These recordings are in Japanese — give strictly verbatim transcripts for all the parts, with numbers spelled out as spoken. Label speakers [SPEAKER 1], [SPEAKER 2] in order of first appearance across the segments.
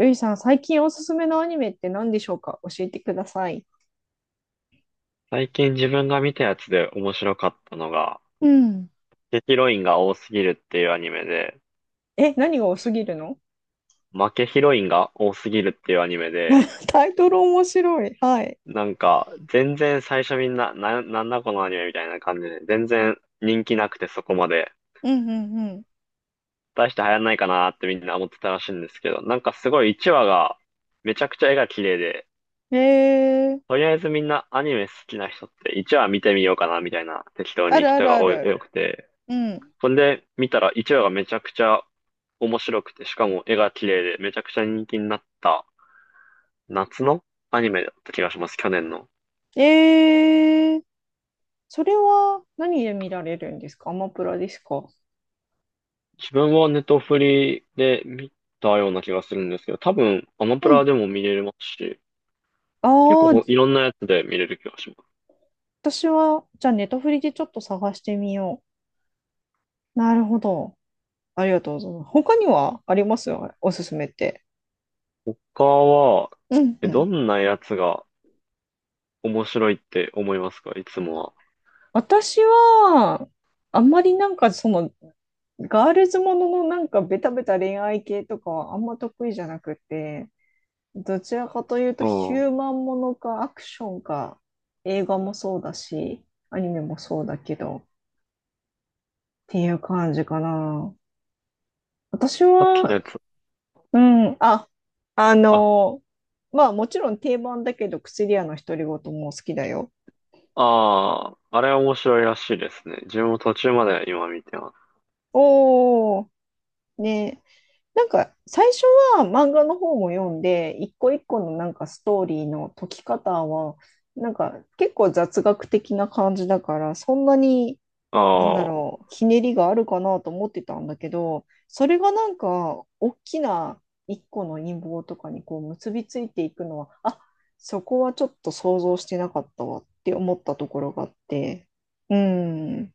[SPEAKER 1] ゆいさん、最近おすすめのアニメって何でしょうか、教えてください。
[SPEAKER 2] 最近自分が見たやつで面白かったのが、
[SPEAKER 1] うん。
[SPEAKER 2] 負けヒロインが多すぎるっていうアニメで、
[SPEAKER 1] え、何が多すぎるの？
[SPEAKER 2] 負けヒロインが多すぎるっていうアニメで、
[SPEAKER 1] タイトル面白い。はい。
[SPEAKER 2] なんか、全然最初みんな、な、なんだこのアニメみたいな感じで、全然人気なくてそこまで、
[SPEAKER 1] うんうんう
[SPEAKER 2] 大して流行んないかなってみんな思ってたらしいんですけど、なんかすごいいちわが、めちゃくちゃ絵が綺麗で、
[SPEAKER 1] ん。えー、
[SPEAKER 2] とりあえずみんなアニメ好きな人っていちわ見てみようかなみたいな適当
[SPEAKER 1] あ
[SPEAKER 2] に
[SPEAKER 1] るあ
[SPEAKER 2] 人
[SPEAKER 1] る
[SPEAKER 2] が
[SPEAKER 1] あ
[SPEAKER 2] 多い
[SPEAKER 1] る。
[SPEAKER 2] 多くて、
[SPEAKER 1] うん。
[SPEAKER 2] それで見たらいちわがめちゃくちゃ面白くて、しかも絵が綺麗でめちゃくちゃ人気になった夏のアニメだった気がします、去年の。
[SPEAKER 1] えー、それは何で見られるんですか？アマプラですか？
[SPEAKER 2] 自分はネトフリで見たような気がするんですけど、多分アマプ
[SPEAKER 1] う
[SPEAKER 2] ラ
[SPEAKER 1] ん。
[SPEAKER 2] でも見れますし、
[SPEAKER 1] あ
[SPEAKER 2] 結構
[SPEAKER 1] あ、
[SPEAKER 2] ほいろんなやつで見れる気がします。
[SPEAKER 1] 私は、じゃあネタフリでちょっと探してみよう。なるほど。ありがとうございます。他にはありますよ、おすすめって。
[SPEAKER 2] 他は、
[SPEAKER 1] うん
[SPEAKER 2] え
[SPEAKER 1] う
[SPEAKER 2] ど
[SPEAKER 1] ん。
[SPEAKER 2] んなやつが面白いって思いますか、いつも
[SPEAKER 1] 私は、あんまりなんかその、ガールズもののなんかベタベタ恋愛系とかはあんま得意じゃなくて、どちらかというと
[SPEAKER 2] は。
[SPEAKER 1] ヒュ
[SPEAKER 2] う
[SPEAKER 1] ー
[SPEAKER 2] ん。
[SPEAKER 1] マンものかアクションか、映画もそうだし、アニメもそうだけど、っていう感じかな。私
[SPEAKER 2] さっきの
[SPEAKER 1] は、
[SPEAKER 2] やつ。
[SPEAKER 1] うん、あ、あ
[SPEAKER 2] あ、
[SPEAKER 1] の、まあもちろん定番だけど、薬屋の独り言も好きだよ。
[SPEAKER 2] ああ、あれは面白いらしいですね。自分も途中まで今見てます。
[SPEAKER 1] おー、ね。なんか最初は漫画の方も読んで、一個一個のなんかストーリーの解き方は、なんか結構雑学的な感じだから、そんなに、なんだ
[SPEAKER 2] ああ。
[SPEAKER 1] ろう、ひねりがあるかなと思ってたんだけど、それがなんか大きな一個の陰謀とかにこう結びついていくのは、あ、そこはちょっと想像してなかったわって思ったところがあって、うん、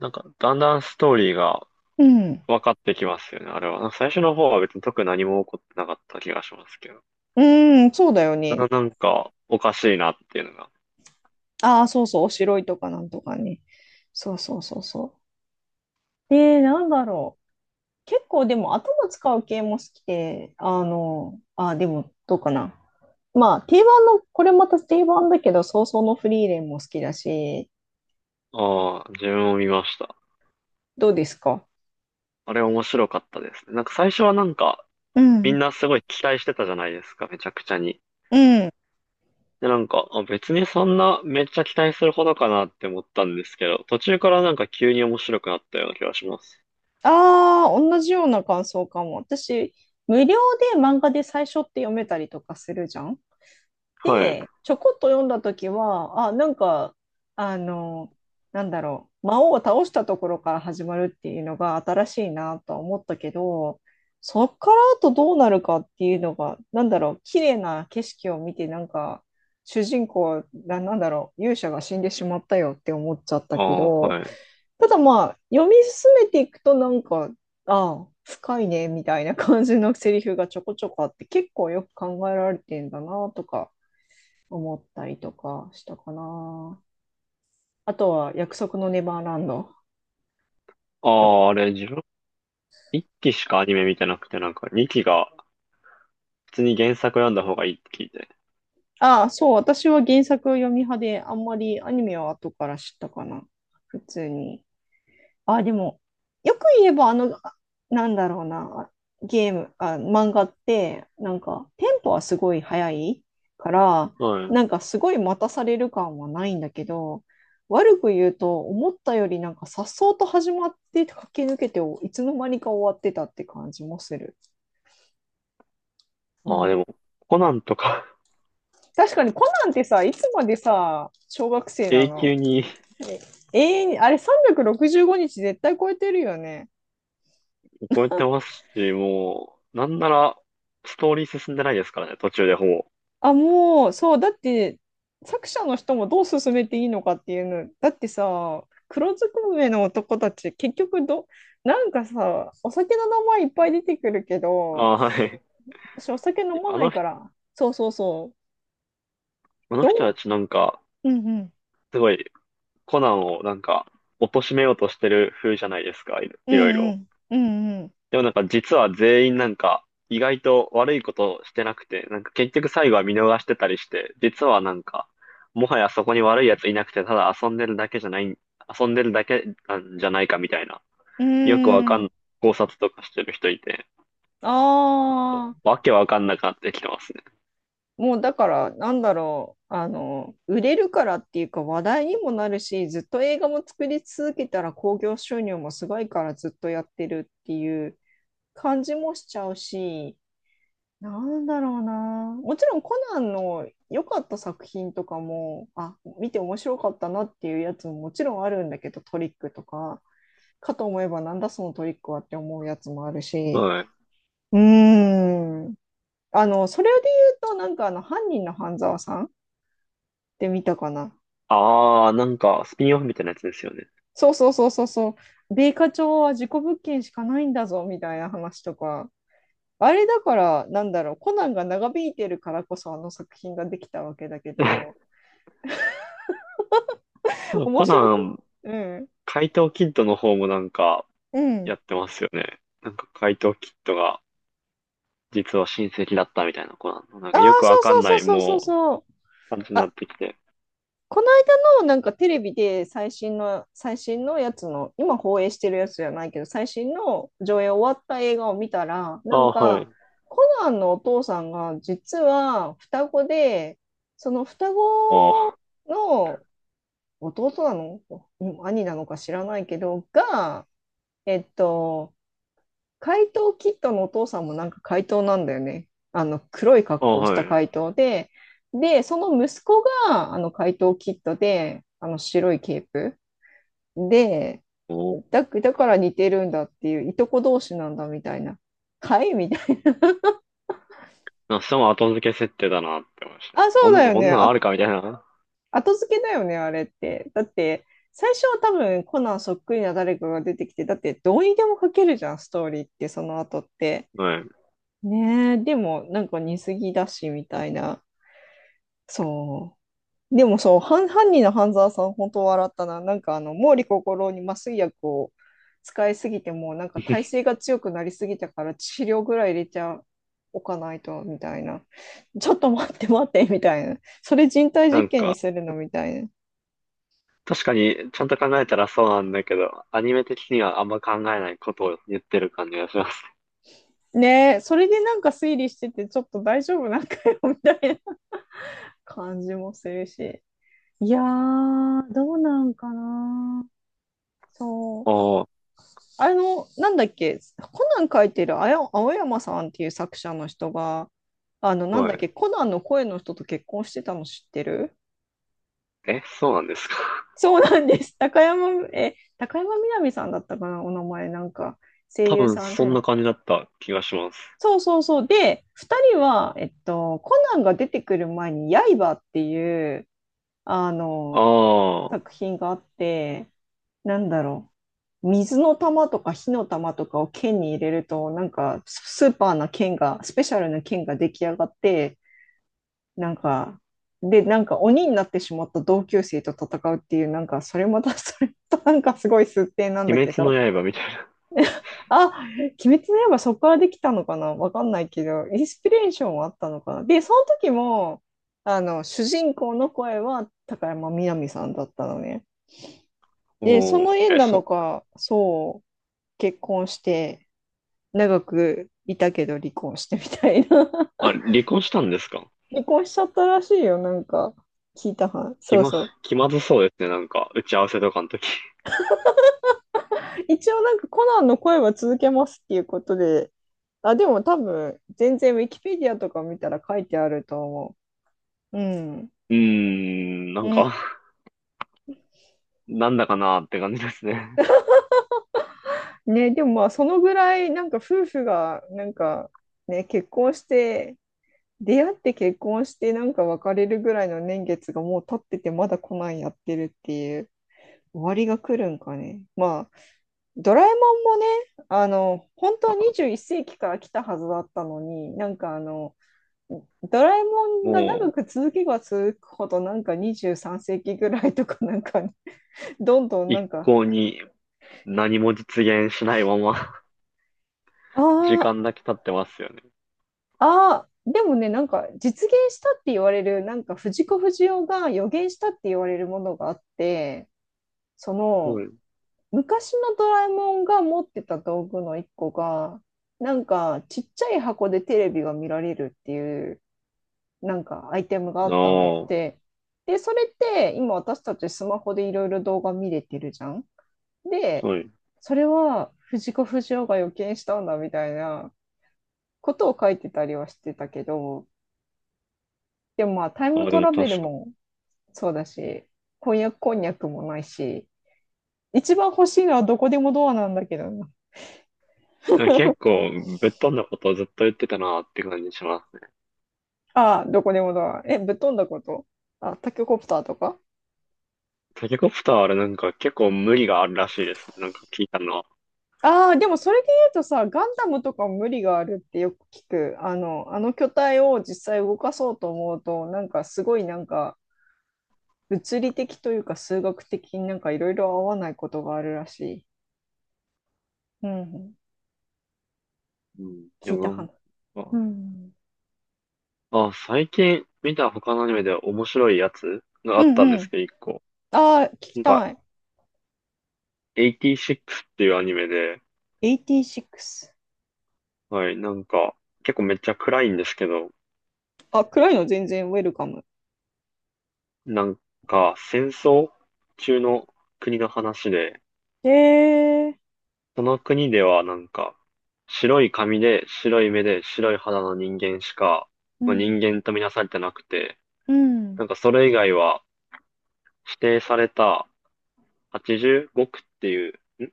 [SPEAKER 2] なんか、だんだんストーリーが
[SPEAKER 1] うん、
[SPEAKER 2] 分かってきますよね、あれは。なんか最初の方は別に特に何も起こってなかった気がしますけど。
[SPEAKER 1] うん、そうだよ
[SPEAKER 2] だ
[SPEAKER 1] ね。
[SPEAKER 2] からなんか、おかしいなっていうのが。
[SPEAKER 1] ああ、そうそう、おしろいとかなんとかね。そうそうそうそう。で、なんだろう。結構でも頭使う系も好きで、あの、あー、でもどうかな。まあ、定番の、これまた定番だけど、早々のフリーレンも好きだし、
[SPEAKER 2] ああ、自分も見ました。
[SPEAKER 1] どうですか？
[SPEAKER 2] あれ面白かったですね。なんか最初はなんか、
[SPEAKER 1] う
[SPEAKER 2] みん
[SPEAKER 1] ん。
[SPEAKER 2] なすごい期待してたじゃないですか、めちゃくちゃに。
[SPEAKER 1] うん。
[SPEAKER 2] で、なんか、あ、別にそんなめっちゃ期待するほどかなって思ったんですけど、途中からなんか急に面白くなったような気がします。
[SPEAKER 1] ああ、同じような感想かも。私、無料で漫画で最初って読めたりとかするじゃん。
[SPEAKER 2] はい。
[SPEAKER 1] ちょこっと読んだ時は、あ、なんか、あの、なんだろう、魔王を倒したところから始まるっていうのが新しいなとは思ったけど、そっからあとどうなるかっていうのが、なんだろう、綺麗な景色を見て、なんか、主人公が、なんだろう、勇者が死んでしまったよって思っちゃった
[SPEAKER 2] あ
[SPEAKER 1] け
[SPEAKER 2] あ、
[SPEAKER 1] ど、
[SPEAKER 2] はい。
[SPEAKER 1] ただまあ、読み進めていくと、なんか、ああ、深いね、みたいな感じのセリフがちょこちょこあって、結構よく考えられてんだなとか。思ったりとかしたかな。あとは約束のネバーランド
[SPEAKER 2] あ
[SPEAKER 1] とか。
[SPEAKER 2] あ、あれ自分、いっきしかアニメ見てなくて、なんかにきが普通に原作読んだ方がいいって聞いて。
[SPEAKER 1] ああ、そう、私は原作を読み派で、あんまりアニメは後から知ったかな。普通に。あ、でも、よく言えば、あの、あなんだろうな、ゲーム、あ、漫画って、なんか、テンポはすごい速いから、
[SPEAKER 2] はい。
[SPEAKER 1] なんか、すごい待たされる感はないんだけど、悪く言うと、思ったよりなんか、颯爽と始まって、駆け抜けて、いつの間にか終わってたって感じもする。う
[SPEAKER 2] ああ、で
[SPEAKER 1] ん。
[SPEAKER 2] も、コナンとか
[SPEAKER 1] 確かに、コナンってさ、いつまでさ、小学 生な
[SPEAKER 2] 永
[SPEAKER 1] の？
[SPEAKER 2] 久に
[SPEAKER 1] え、永遠に、あれさんびゃくろくじゅうごにち絶対超えてるよね。
[SPEAKER 2] 超え てますし、もう、なんなら、ストーリー進んでないですからね、途中でほぼ。
[SPEAKER 1] あ、もう、そう、だって、作者の人もどう進めていいのかっていうの、だってさ、黒ずくめの男たち、結局ど、なんかさ、お酒の名前いっぱい出てくるけ
[SPEAKER 2] あ
[SPEAKER 1] ど、
[SPEAKER 2] あ、はい。
[SPEAKER 1] 私お酒飲ま
[SPEAKER 2] あ
[SPEAKER 1] な
[SPEAKER 2] の、
[SPEAKER 1] いから、そうそうそう、
[SPEAKER 2] あの
[SPEAKER 1] ど
[SPEAKER 2] 人た
[SPEAKER 1] う？
[SPEAKER 2] ちなんか、
[SPEAKER 1] うんうん、
[SPEAKER 2] すごい、コナンをなんか、貶めようとしてる風じゃないですか、いろ
[SPEAKER 1] う
[SPEAKER 2] いろい
[SPEAKER 1] ん
[SPEAKER 2] ろ。
[SPEAKER 1] うん、うん
[SPEAKER 2] でもなんか実は全員なんか意外と悪いことしてなくて、なんか結局最後は見逃してたりして、実はなんか、もはやそこに悪い奴いなくて、ただ遊んでるだけじゃない、遊んでるだけなんじゃないかみたいな、
[SPEAKER 1] う
[SPEAKER 2] よくわ
[SPEAKER 1] ん、
[SPEAKER 2] か
[SPEAKER 1] うー
[SPEAKER 2] ん、
[SPEAKER 1] ん、
[SPEAKER 2] 考察とかしてる人いて、
[SPEAKER 1] ああ、
[SPEAKER 2] わけわかんなくなってきてますね。
[SPEAKER 1] もうだから、なんだろう、あの、売れるからっていうか話題にもなるし、ずっと映画も作り続けたら興行収入もすごいからずっとやってるっていう感じもしちゃうし、なんだろうな。もちろんコナンの良かった作品とかも、あ、見て面白かったなっていうやつももちろんあるんだけど、トリックとか、かと思えばなんだそのトリックはって思うやつもあるし、
[SPEAKER 2] はい。
[SPEAKER 1] うーん。あの、それで言うと、なんかあの、犯人の半沢さんてみたかな。
[SPEAKER 2] あー、なんかスピンオフみたいなやつですよね。
[SPEAKER 1] そうそうそうそうそう。米花町は事故物件しかないんだぞみたいな話とか。あれだから、なんだろう、コナンが長引いてるからこそあの作品ができたわけだけど、面
[SPEAKER 2] コ
[SPEAKER 1] 白
[SPEAKER 2] ナ
[SPEAKER 1] く、
[SPEAKER 2] ン、
[SPEAKER 1] うん。
[SPEAKER 2] 怪盗キッドの方もなんか
[SPEAKER 1] うん。
[SPEAKER 2] やってますよね。なんか怪盗キッドが実は親戚だったみたいな子なの。なん
[SPEAKER 1] ああ、
[SPEAKER 2] かよくわ
[SPEAKER 1] そう
[SPEAKER 2] か
[SPEAKER 1] そ
[SPEAKER 2] ん
[SPEAKER 1] う
[SPEAKER 2] な
[SPEAKER 1] そう
[SPEAKER 2] い、
[SPEAKER 1] そうそう
[SPEAKER 2] も
[SPEAKER 1] そう。
[SPEAKER 2] う、感じにな
[SPEAKER 1] あ、
[SPEAKER 2] ってきて。
[SPEAKER 1] この間のなんかテレビで最新の、最新のやつの、今放映してるやつじゃないけど、最新の上映終わった映画を見たら、
[SPEAKER 2] あ
[SPEAKER 1] なん
[SPEAKER 2] あ、は
[SPEAKER 1] か、
[SPEAKER 2] い。
[SPEAKER 1] コナンのお父さんが実は双子で、その双子
[SPEAKER 2] ああ、
[SPEAKER 1] の弟なの兄なのか知らないけど、が、えっと、怪盗キッドのお父さんもなんか怪盗なんだよね。あの黒い
[SPEAKER 2] あ
[SPEAKER 1] 格
[SPEAKER 2] あ、
[SPEAKER 1] 好をし
[SPEAKER 2] は
[SPEAKER 1] た
[SPEAKER 2] い。
[SPEAKER 1] 怪盗で、で、その息子があの怪盗キッドで、あの白いケープで、
[SPEAKER 2] おお。
[SPEAKER 1] だ、だから似てるんだっていう、いとこ同士なんだみたいな。はいみたい
[SPEAKER 2] なんかそれも後付け設定だなって思いました
[SPEAKER 1] な。
[SPEAKER 2] ね。
[SPEAKER 1] あ、そ
[SPEAKER 2] こ
[SPEAKER 1] う
[SPEAKER 2] ん
[SPEAKER 1] だ
[SPEAKER 2] な、
[SPEAKER 1] よ
[SPEAKER 2] こん
[SPEAKER 1] ね。
[SPEAKER 2] なのあ
[SPEAKER 1] あ、
[SPEAKER 2] るかみたいな。
[SPEAKER 1] 後付けだよね、あれって。だって、最初は多分コナンそっくりな誰かが出てきて、だってどうにでも書けるじゃん、ストーリーって、その後って。
[SPEAKER 2] はい。
[SPEAKER 1] ねえ、でもなんか似すぎだし、みたいな。そう。でもそう、犯、犯人の半沢さん、本当笑ったな。なんかあの、毛利心に麻酔薬を使いすぎても、なんか耐性 が強くなりすぎたから治療ぐらい入れちゃおかないと、みたいな。ちょっと待って待って、みたいな。それ人体
[SPEAKER 2] な
[SPEAKER 1] 実
[SPEAKER 2] ん
[SPEAKER 1] 験に
[SPEAKER 2] か、
[SPEAKER 1] するのみたいな。
[SPEAKER 2] 確かに、ちゃんと考えたらそうなんだけど、アニメ的にはあんま考えないことを言ってる感じがします。
[SPEAKER 1] ねえ、それでなんか推理してて、ちょっと大丈夫なんかよ、みたいな感じもするし。いやー、どうなんかな。そう。
[SPEAKER 2] ああ、
[SPEAKER 1] あの、なんだっけ、コナン書いてるあや青山さんっていう作者の人が、あの、なん
[SPEAKER 2] は
[SPEAKER 1] だっ
[SPEAKER 2] い。
[SPEAKER 1] け、コナンの声の人と結婚してたの知ってる？
[SPEAKER 2] え、そうなんですか。
[SPEAKER 1] そうなんです。高山、え、高山みなみさんだったかな、お名前、なんか、声
[SPEAKER 2] 多
[SPEAKER 1] 優
[SPEAKER 2] 分、
[SPEAKER 1] さん
[SPEAKER 2] そん
[SPEAKER 1] で。
[SPEAKER 2] な感じだった気がします。
[SPEAKER 1] そうそうそう。で、ふたりは、えっと、コナンが出てくる前に、刃っていう、あ
[SPEAKER 2] あ
[SPEAKER 1] の、
[SPEAKER 2] あ、
[SPEAKER 1] 作品があって、なんだろう。水の玉とか火の玉とかを剣に入れると、なんかスーパーな剣が、スペシャルな剣が出来上がって、なんか、で、なんか鬼になってしまった同級生と戦うっていう、なんかそれまた それとなんかすごい数点なんだ
[SPEAKER 2] 鬼
[SPEAKER 1] け
[SPEAKER 2] 滅の
[SPEAKER 1] ど、
[SPEAKER 2] 刃みたいな。
[SPEAKER 1] あ、鬼滅の刃そこからできたのかなわかんないけど、インスピレーションはあったのかな。で、その時も、あの、主人公の声は高山みなみさんだったのね。で、
[SPEAKER 2] お
[SPEAKER 1] その
[SPEAKER 2] お、
[SPEAKER 1] 縁
[SPEAKER 2] え、
[SPEAKER 1] な
[SPEAKER 2] そ
[SPEAKER 1] の
[SPEAKER 2] う。
[SPEAKER 1] か、そう、結婚して長くいたけど離婚してみたいな。
[SPEAKER 2] あ、離婚したんですか。
[SPEAKER 1] 離婚しちゃったらしいよ、なんか聞いたはん、
[SPEAKER 2] 気
[SPEAKER 1] そう
[SPEAKER 2] ま、
[SPEAKER 1] そう。
[SPEAKER 2] 気まずそうですね、なんか、打ち合わせとかの時。
[SPEAKER 1] 一応なんかコナンの声は続けますっていうことで、あでも多分全然ウィキペディアとか見たら書いてあると思う。うん
[SPEAKER 2] うーん、な
[SPEAKER 1] う
[SPEAKER 2] んか、
[SPEAKER 1] ん。
[SPEAKER 2] なんだかなーって感じですね。
[SPEAKER 1] ね、でもまあそのぐらいなんか夫婦がなんかね、結婚して出会って結婚してなんか別れるぐらいの年月がもう経ってて、まだコナンやってるっていう。終わりが来るんかね。まあ、ドラえもんもね、あの、本当は にじゅういっせいき世紀から来たはずだったのに、なんかあの、ドラえもんが長
[SPEAKER 2] も
[SPEAKER 1] く続けば続くほど、なんかにじゅうさんせいき世紀ぐらいとか、なんかね、どんどん
[SPEAKER 2] う、
[SPEAKER 1] なん
[SPEAKER 2] 一
[SPEAKER 1] か。
[SPEAKER 2] 向に何も実現しないまま
[SPEAKER 1] あ
[SPEAKER 2] 時
[SPEAKER 1] あ。
[SPEAKER 2] 間だけ経ってますよね。
[SPEAKER 1] ああ、でもね、なんか実現したって言われる、なんか藤子不二雄が予言したって言われるものがあって、そ
[SPEAKER 2] は
[SPEAKER 1] の、
[SPEAKER 2] い。
[SPEAKER 1] 昔のドラえもんが持ってた道具の一個が、なんかちっちゃい箱でテレビが見られるっていうなんかアイテムがあったんだっ
[SPEAKER 2] ああ、
[SPEAKER 1] て。で、それって今私たちスマホでいろいろ動画見れてるじゃん。で、
[SPEAKER 2] はい。
[SPEAKER 1] それは藤子不二雄が予見したんだみたいなことを書いてたりはしてたけど、でもまあタイ
[SPEAKER 2] あ
[SPEAKER 1] ム
[SPEAKER 2] あ、で
[SPEAKER 1] ト
[SPEAKER 2] も
[SPEAKER 1] ラベル
[SPEAKER 2] 確か
[SPEAKER 1] もそうだし、婚約こんにゃくもないし、一番欲しいのはどこでもドアなんだけどね。
[SPEAKER 2] に。結構、ぶっ飛んだことをずっと言ってたなーって感じしますね。
[SPEAKER 1] ああ、どこでもドア。え、ぶっ飛んだこと。あ、タケコプターとか。
[SPEAKER 2] タケコプターあれなんか結構無理があるらしいですね。なんか聞いたのは。
[SPEAKER 1] ああ、でもそれで言うとさ、ガンダムとかも無理があるってよく聞く。あの、あの巨体を実際動かそうと思うと、なんかすごいなんか物理的というか数学的になんかいろいろ合わないことがあるらしい。うん。
[SPEAKER 2] うん。で
[SPEAKER 1] 聞いた
[SPEAKER 2] も
[SPEAKER 1] 話。
[SPEAKER 2] なん
[SPEAKER 1] う
[SPEAKER 2] か
[SPEAKER 1] ん。
[SPEAKER 2] あ、最近見た他のアニメで面白いやつがあ
[SPEAKER 1] う
[SPEAKER 2] ったんで
[SPEAKER 1] んう
[SPEAKER 2] す
[SPEAKER 1] ん。
[SPEAKER 2] けど、一個。
[SPEAKER 1] ああ、聞き
[SPEAKER 2] なん
[SPEAKER 1] た
[SPEAKER 2] か、
[SPEAKER 1] い。
[SPEAKER 2] エイティシックスっていうアニメで、
[SPEAKER 1] エイティシックス。
[SPEAKER 2] はい、なんか、結構めっちゃ暗いんですけど、
[SPEAKER 1] あ、暗いの全然ウェルカム。
[SPEAKER 2] なんか、戦争中の国の話で、
[SPEAKER 1] へえー。
[SPEAKER 2] その国ではなんか、白い髪で、白い目で、白い肌の人間しか、
[SPEAKER 1] う
[SPEAKER 2] まあ、
[SPEAKER 1] ん。
[SPEAKER 2] 人間とみなされてなくて、
[SPEAKER 1] うん。
[SPEAKER 2] なんかそれ以外は指定されたはちじゅうご区っていう、ん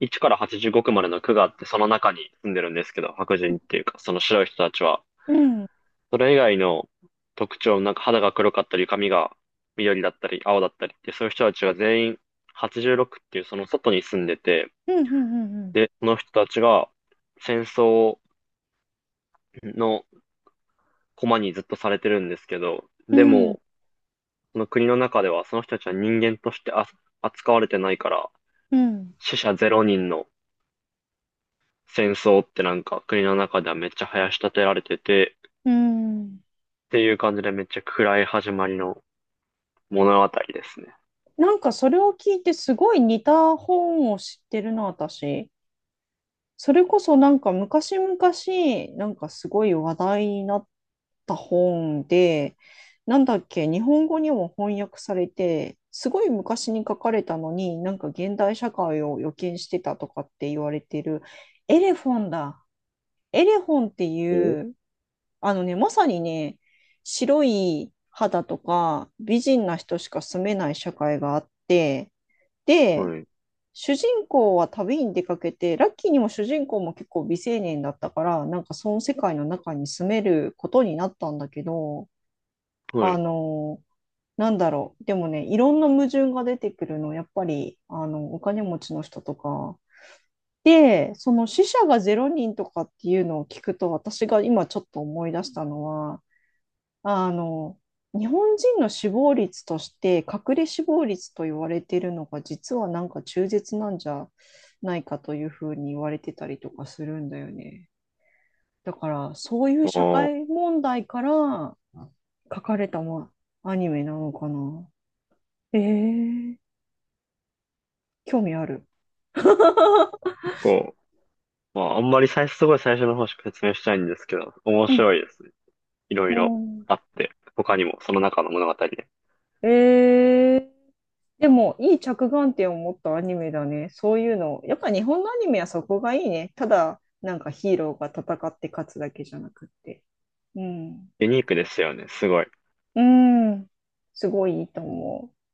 [SPEAKER 2] いちからはちじゅうご区までの区があって、その中に住んでるんですけど、白人っていうか、その白い人たちは、
[SPEAKER 1] うん。うん。
[SPEAKER 2] それ以外の特徴、なんか肌が黒かったり、髪が緑だったり、青だったりって、そういう人たちは全員エイティシックスっていうその外に住んでて、
[SPEAKER 1] うん。うん。うん。
[SPEAKER 2] で、その人たちが戦争の駒にずっとされてるんですけど、
[SPEAKER 1] う
[SPEAKER 2] で
[SPEAKER 1] ん
[SPEAKER 2] も、その国の中ではその人たちは人間としてあ扱われてないから、
[SPEAKER 1] うん。
[SPEAKER 2] 死者ゼロ人の戦争ってなんか国の中ではめっちゃ囃し立てられてて、
[SPEAKER 1] うん。
[SPEAKER 2] っていう感じでめっちゃ暗い始まりの物語ですね。
[SPEAKER 1] なんかそれを聞いてすごい似た本を知ってるな、私。それこそなんか昔々、なんかすごい話題になった本で、なんだっけ、日本語にも翻訳されて、すごい昔に書かれたのに、なんか現代社会を予見してたとかって言われてる、エレフォンだ。エレフォンって
[SPEAKER 2] お
[SPEAKER 1] いうあのね、まさにね、白い肌とか美人な人しか住めない社会があって、で、
[SPEAKER 2] はい。
[SPEAKER 1] 主人公は旅に出かけて、ラッキーにも主人公も結構未成年だったから、なんかその世界の中に住めることになったんだけど、
[SPEAKER 2] は
[SPEAKER 1] あ
[SPEAKER 2] い。
[SPEAKER 1] の、なんだろう、でもね、いろんな矛盾が出てくるの、やっぱり、あの、お金持ちの人とか。で、その死者がゼロ人とかっていうのを聞くと、私が今ちょっと思い出したのは、あの、日本人の死亡率として、隠れ死亡率と言われているのが、実はなんか中絶なんじゃないかというふうに言われてたりとかするんだよね。だから、そういう
[SPEAKER 2] あ
[SPEAKER 1] 社
[SPEAKER 2] あ、
[SPEAKER 1] 会問題から書かれた、ま、アニメなのかな。えー、興味ある。
[SPEAKER 2] 結構、まああんまり最初、すごい最初の方しか説明したいんですけど、面
[SPEAKER 1] うん。
[SPEAKER 2] 白いですね。いろいろ
[SPEAKER 1] も
[SPEAKER 2] あって、他にもその中の物語で。
[SPEAKER 1] う、ええ、でも、いい着眼点を持ったアニメだね。そういうの。やっぱ日本のアニメはそこがいいね。ただ、なんかヒーローが戦って勝つだけじゃなくって。うん。
[SPEAKER 2] ユニークですよね、すごい。
[SPEAKER 1] うん。すごいいいと思う。